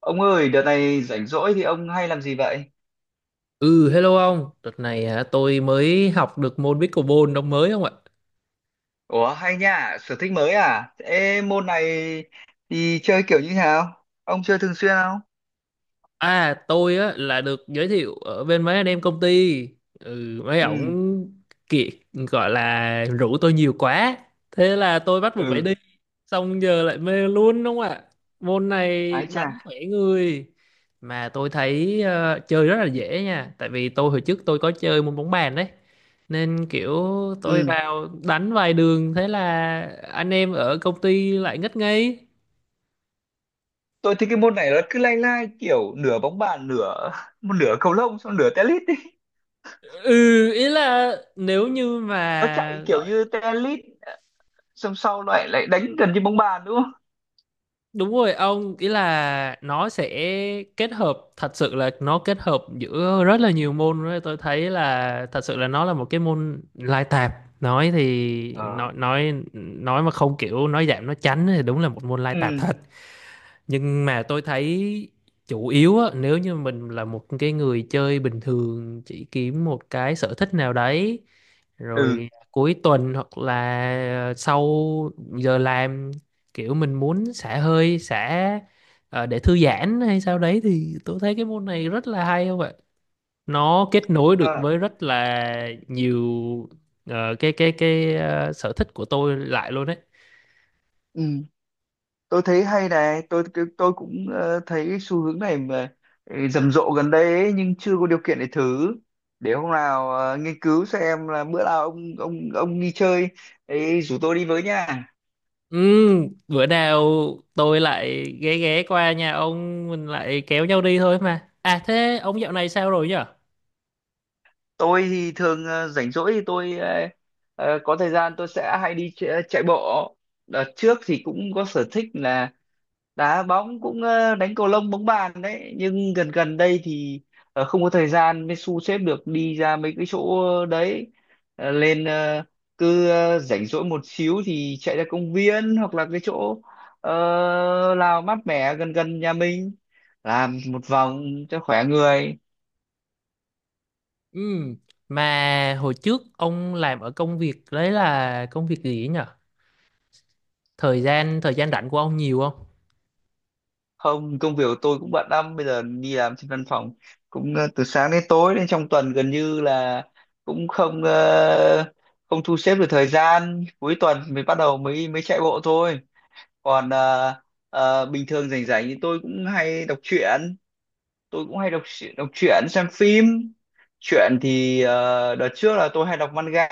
Ông ơi, đợt này rảnh rỗi thì ông hay làm gì vậy? Ừ, hello ông. Đợt này hả, tôi mới học được môn pickleball ông mới không ạ? Ủa, hay nha, sở thích mới à? Ê, môn này thì chơi kiểu như thế nào? Ông chơi thường xuyên không? À tôi á là được giới thiệu ở bên mấy anh em công ty mấy ổng Ừ, kiệt gọi là rủ tôi nhiều quá, thế là tôi bắt buộc phải ừ, đi, xong giờ lại mê luôn đúng không ạ? Môn này ái chà. đánh khỏe người, mà tôi thấy chơi rất là dễ nha, tại vì tôi hồi trước tôi có chơi môn bóng bàn đấy, nên kiểu tôi Ừ, vào đánh vài đường thế là anh em ở công ty lại ngất ngây. tôi thấy cái môn này nó cứ lai lai kiểu nửa bóng bàn, nửa một nửa cầu lông, xong nửa tennis đi. Ừ, ý là nếu như Nó mà chạy kiểu gọi. như tennis, xong sau lại lại đánh gần như bóng bàn đúng không? Đúng rồi ông, ý là nó sẽ kết hợp, thật sự là nó kết hợp giữa rất là nhiều môn đấy. Tôi thấy là thật sự là nó là một cái môn lai tạp. Nói thì nói Ờ. nói nói mà không kiểu nói giảm nói tránh thì đúng là một môn lai tạp Ừ, thật. Nhưng mà tôi thấy chủ yếu á, nếu như mình là một cái người chơi bình thường chỉ kiếm một cái sở thích nào đấy ừ. rồi cuối tuần hoặc là sau giờ làm, kiểu mình muốn xả hơi, xả để thư giãn hay sao đấy, thì tôi thấy cái môn này rất là hay không ạ? Nó kết nối được Ờ. với rất là nhiều cái sở thích của tôi lại luôn đấy. Ừ. Tôi thấy hay này, tôi cũng thấy xu hướng này mà ừ, rầm rộ gần đây ấy, nhưng chưa có điều kiện để thử, để hôm nào nghiên cứu xem là bữa nào ông đi chơi ấy, rủ tôi đi với nha. Ừ, bữa nào tôi lại ghé ghé qua nhà ông mình lại kéo nhau đi thôi mà. À thế ông dạo này sao rồi nhở? Tôi thì thường rảnh rỗi thì tôi có thời gian tôi sẽ hay đi chạy, chạy bộ. Đợt trước thì cũng có sở thích là đá bóng, cũng đánh cầu lông, bóng bàn đấy, nhưng gần gần đây thì không có thời gian mới xu xếp được đi ra mấy cái chỗ đấy. Ờ, lên ờ, cứ rảnh rỗi một xíu thì chạy ra công viên hoặc là cái chỗ ờ, nào mát mẻ gần gần nhà mình, làm một vòng cho khỏe người. Ừ, mà hồi trước ông làm ở công việc đấy là công việc gì ấy nhở? Thời gian rảnh của ông nhiều không? Không, công việc của tôi cũng bận lắm, bây giờ đi làm trên văn phòng cũng từ sáng đến tối nên trong tuần gần như là cũng không thu xếp được thời gian, cuối tuần mới bắt đầu mới mới chạy bộ thôi. Còn bình thường rảnh rảnh thì tôi cũng hay đọc truyện, đọc truyện, xem phim. Truyện thì đợt trước là tôi hay đọc manga,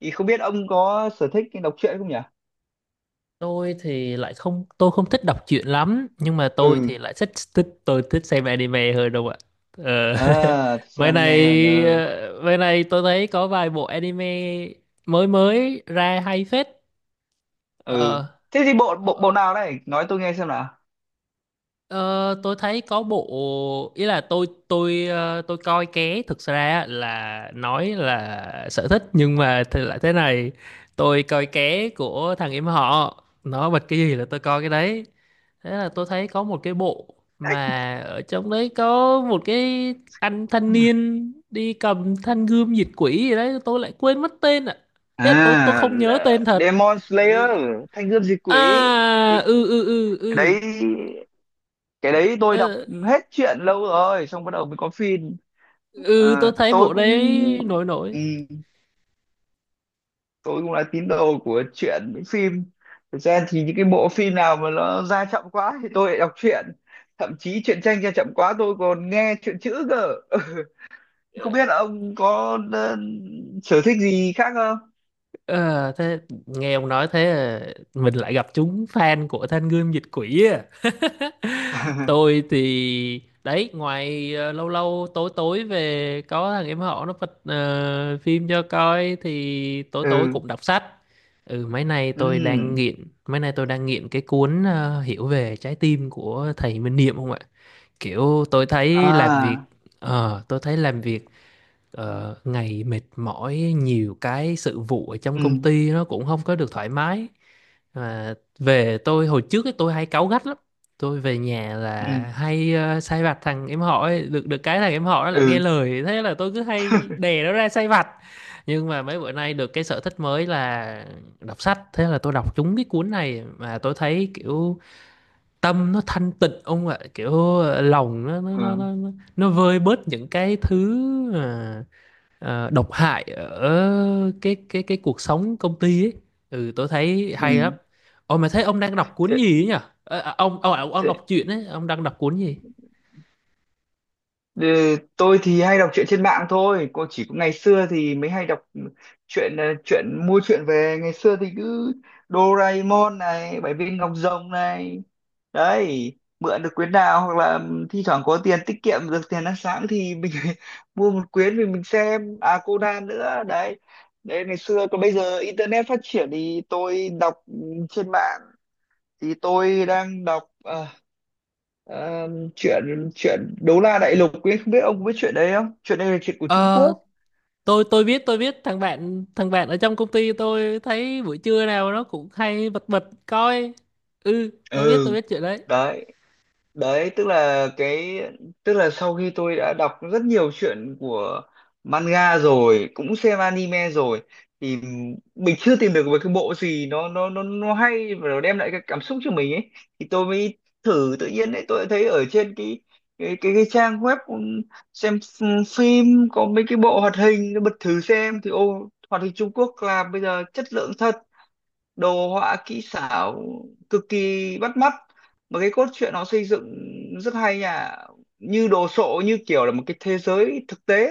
thì không biết ông có sở thích đọc truyện không nhỉ? Tôi thì lại không, tôi không thích đọc truyện lắm, nhưng mà tôi Ừ, thì lại thích thích, tôi thích xem anime hơn đâu ạ. Ờ, à thích xem mấy này anime hơn ờ. Mấy này tôi thấy có vài bộ anime mới mới ra hay phết. Ừ, Ờ. thế thì bộ bộ bộ nào đây nói tôi nghe xem nào? Ờ, tôi thấy có bộ, ý là tôi tôi coi ké thực ra á, là nói là sở thích nhưng mà thì lại thế này, tôi coi ké của thằng em họ, nó bật cái gì là tôi coi cái đấy, thế là tôi thấy có một cái bộ Đấy, mà ở trong đấy có một cái anh thanh niên đi cầm thanh gươm diệt quỷ gì đấy, tôi lại quên mất tên ạ. Ý là tôi à không nhớ tên là thật. Demon Slayer. Ừ. Thanh Gươm Diệt Quỷ. À Cái ừ ừ ừ cái ừ. đấy cái đấy tôi đọc Ờ, hết truyện lâu rồi, xong bắt đầu mới có phim. ừ tôi Ờ, thấy tôi bộ cũng đấy nổi nổi. ừ, tôi cũng là tín đồ của truyện với phim. Thực ra thì những cái bộ phim nào mà nó ra chậm quá thì tôi lại đọc truyện, thậm chí truyện tranh ra chậm quá tôi còn nghe truyện chữ cơ. Không biết là ông có sở thích gì khác không? Ờ, thế nghe ông nói thế à, mình lại gặp chúng fan của Thanh Gươm Dịch Quỷ à. Tôi thì đấy ngoài lâu lâu tối tối về có thằng em họ nó bật phim cho coi thì tối tối Ừ, cũng đọc sách. Ừ, mấy nay tôi đang ừ, nghiện, cái cuốn Hiểu về trái tim của thầy Minh Niệm không ạ? Kiểu tôi thấy làm à, việc ờ tôi thấy làm việc ngày mệt mỏi, nhiều cái sự vụ ở trong công ừ, ty nó cũng không có được thoải mái. Mà về, tôi hồi trước ấy, tôi hay cáu gắt lắm, tôi về nhà ừ, là hay sai vặt thằng em họ ấy. Được được cái thằng em họ nó lại nghe ừ. lời, thế là tôi cứ hay đè nó ra sai vặt. Nhưng mà mấy bữa nay được cái sở thích mới là đọc sách, thế là tôi đọc trúng cái cuốn này mà tôi thấy kiểu tâm nó thanh tịnh ông ạ, kiểu lòng nó Ừ, nó vơi bớt những cái thứ ờ, độc hại ở cái cái cuộc sống công ty ấy. Ừ, tôi thấy ừ. hay lắm. Ồ, mà thấy ông đang đọc cuốn thế, gì ấy nhỉ? Ờ, à, ông thế, đọc truyện ấy, ông đang đọc cuốn gì? Ừ, tôi thì hay đọc truyện trên mạng thôi cô, chỉ có ngày xưa thì mới hay đọc truyện truyện mua, truyện về. Ngày xưa thì cứ Doraemon này, Bảy viên ngọc rồng này, đấy, mượn được quyển nào hoặc là thi thoảng có tiền tiết kiệm được tiền ăn sáng thì mình mua một quyển, mình xem. À, Conan nữa đấy, đấy ngày xưa. Còn bây giờ internet phát triển thì tôi đọc ừ, trên mạng. Thì tôi đang đọc Ờ, chuyện, chuyện đấu la đại lục ấy, không biết ông có biết chuyện đấy không, chuyện này là chuyện của Trung Ờ, Quốc. tôi biết, tôi biết thằng bạn, thằng bạn ở trong công ty tôi thấy buổi trưa nào nó cũng hay bật bật coi. Ừ, Ừ, tôi biết chuyện đấy. đấy, đấy tức là cái, tức là sau khi tôi đã đọc rất nhiều chuyện của manga rồi, cũng xem anime rồi, thì mình chưa tìm được một cái bộ gì nó hay và nó đem lại cái cảm xúc cho mình ấy. Thì tôi mới thử tự nhiên đấy, tôi đã thấy ở trên cái cái trang web xem phim có mấy cái bộ hoạt hình, nó bật thử xem thì ô, hoạt hình Trung Quốc làm bây giờ chất lượng thật, đồ họa kỹ xảo cực kỳ bắt mắt, mà cái cốt truyện nó xây dựng rất hay nha, như đồ sộ như kiểu là một cái thế giới thực tế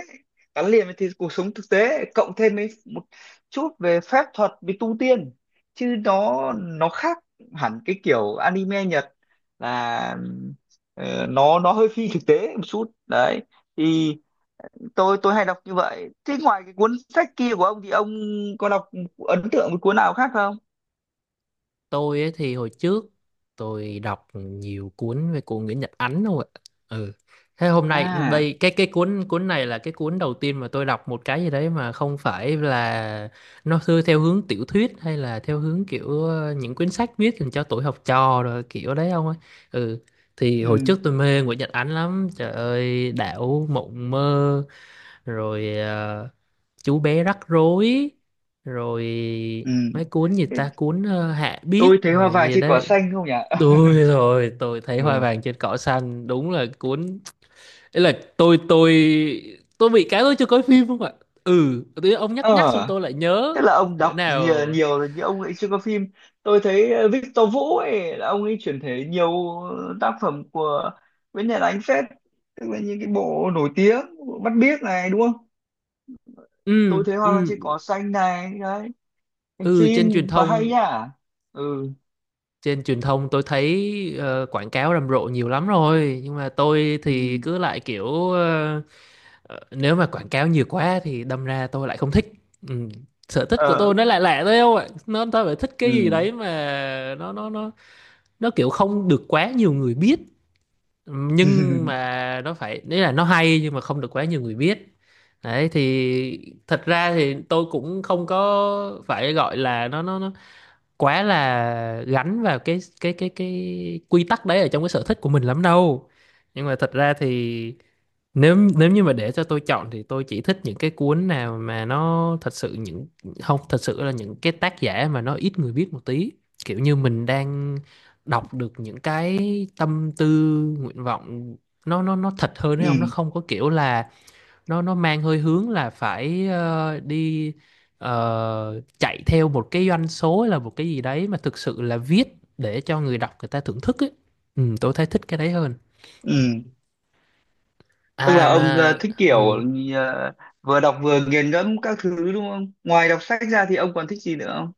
gắn liền với thế, cuộc sống thực tế, cộng thêm với một chút về phép thuật, về tu tiên, chứ nó khác hẳn cái kiểu anime Nhật, là nó hơi phi thực tế một chút đấy. Thì tôi hay đọc như vậy. Thế ngoài cái cuốn sách kia của ông thì ông có đọc, ấn tượng với cuốn nào khác không? Tôi ấy thì hồi trước tôi đọc nhiều cuốn về của Nguyễn Nhật Ánh thôi ạ. Ừ, thế hôm nay À, đây cái cuốn cuốn này là cái cuốn đầu tiên mà tôi đọc một cái gì đấy mà không phải là nó thư theo hướng tiểu thuyết, hay là theo hướng kiểu những quyển sách viết dành cho tuổi học trò rồi kiểu đấy không ấy. Ừ, thì hồi ừ, trước tôi mê Nguyễn Nhật Ánh lắm, trời ơi, Đảo mộng mơ rồi Chú bé rắc rối rồi ừ. mấy cuốn gì Thế ta, cuốn Hạ Biết tôi thấy hoa rồi vàng gì trên cỏ đấy. xanh không nhỉ? Tôi rồi, tôi thấy hoa Ừ, vàng trên cỏ xanh đúng là cuốn ấy, là tôi tôi bị cái tôi chưa coi phim không ạ? Ừ, tự nhiên ông ờ, nhắc nhắc xong tôi lại nhớ. thế là ông Bữa đọc nào. nhiều, nhiều rồi nhưng ông ấy chưa có phim. Tôi thấy Victor Vũ ấy, là ông ấy chuyển thể nhiều tác phẩm của Nguyễn Nhật Ánh phết, tức là những cái bộ nổi tiếng, bộ Mắt Biếc này đúng không, Ừ tôi thấy ừ hoa vàng trên cỏ xanh này đấy, thành ừ trên truyền phim và hay thông, nhá. Ừ, trên truyền thông tôi thấy quảng cáo rầm rộ nhiều lắm rồi, nhưng mà tôi thì ừ, cứ lại kiểu nếu mà quảng cáo nhiều quá thì đâm ra tôi lại không thích. Ừ. Sở thích của ờ, tôi nó lại lạ thôi không ạ, nó tôi phải thích cái gì ừ. đấy mà nó nó kiểu không được quá nhiều người biết. Ừ, nhưng mà nó phải đấy là nó hay nhưng mà không được quá nhiều người biết. Đấy thì thật ra thì tôi cũng không có phải gọi là nó quá là gắn vào cái cái quy tắc đấy ở trong cái sở thích của mình lắm đâu, nhưng mà thật ra thì nếu nếu như mà để cho tôi chọn thì tôi chỉ thích những cái cuốn nào mà nó thật sự, không, thật sự là những cái tác giả mà nó ít người biết một tí, kiểu như mình đang đọc được những cái tâm tư, nguyện vọng, nó thật hơn đấy ông, Ừ, nó không có kiểu là nó mang hơi hướng là phải đi chạy theo một cái doanh số hay là một cái gì đấy, mà thực sự là viết để cho người đọc, người ta thưởng thức ấy. Ừ, tôi thấy thích cái đấy hơn. ừ, tức À là ông mà, thích kiểu ừ, ờ, vừa đọc vừa nghiền ngẫm các thứ đúng không? Ngoài đọc sách ra thì ông còn thích gì nữa không?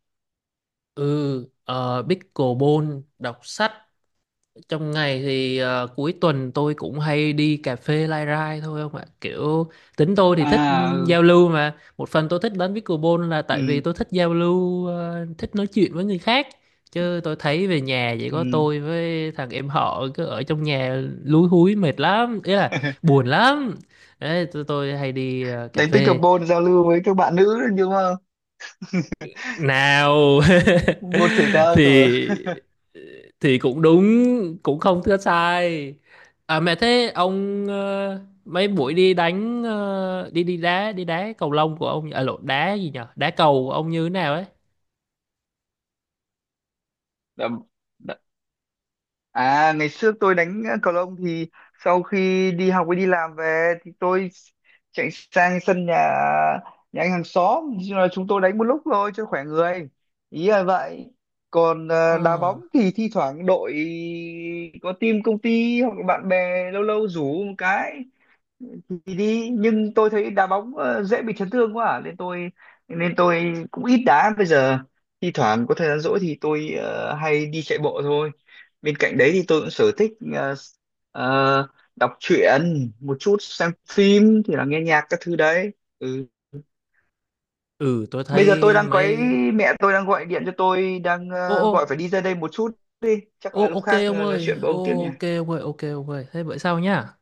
ừ pickleball, đọc sách, trong ngày thì cuối tuần tôi cũng hay đi cà phê lai rai thôi không ạ, kiểu tính tôi thì thích, ừ, À, giao lưu, mà một phần tôi thích đánh pickleball là tại vì ừ, tôi thích giao lưu, thích nói chuyện với người khác, chứ tôi thấy về nhà chỉ có ừ, tôi với thằng em họ cứ ở trong nhà lúi húi mệt lắm, ý là ừ. buồn lắm. Đấy, tôi hay đi cà Đánh phê pickleball giao lưu với các bạn nữ đúng không, nào. môn thể thao rồi. Thì cũng đúng, cũng không thưa sai. À mẹ, thế ông mấy buổi đi đánh đi đi đá cầu lông của ông, à lộn đá gì nhở, đá cầu của ông như thế nào ấy? Đó. À ngày xưa tôi đánh cầu lông thì sau khi đi học với đi làm về thì tôi chạy sang sân nhà, nhà anh hàng xóm Chứ, là chúng tôi đánh một lúc thôi cho khỏe người, ý là vậy. Còn đá Ờ. bóng thì thi thoảng đội có team công ty hoặc là bạn bè lâu lâu rủ một cái thì đi, nhưng tôi thấy đá bóng dễ bị chấn thương quá à, nên tôi cũng ít đá bây giờ. Thi thoảng có thời gian rỗi thì tôi hay đi chạy bộ thôi. Bên cạnh đấy thì tôi cũng sở thích ờ, đọc truyện một chút, xem phim thì là nghe nhạc các thứ đấy. Ừ. Ừ tôi Bây giờ tôi thấy đang có ý, mấy. mẹ tôi đang gọi điện cho tôi, đang Ô gọi ô, phải đi ra đây một chút, đi chắc là ô lúc ok khác ông nói ơi, chuyện với ông tiếp ô, nhỉ. Ok ông ơi thế vậy sao nhá.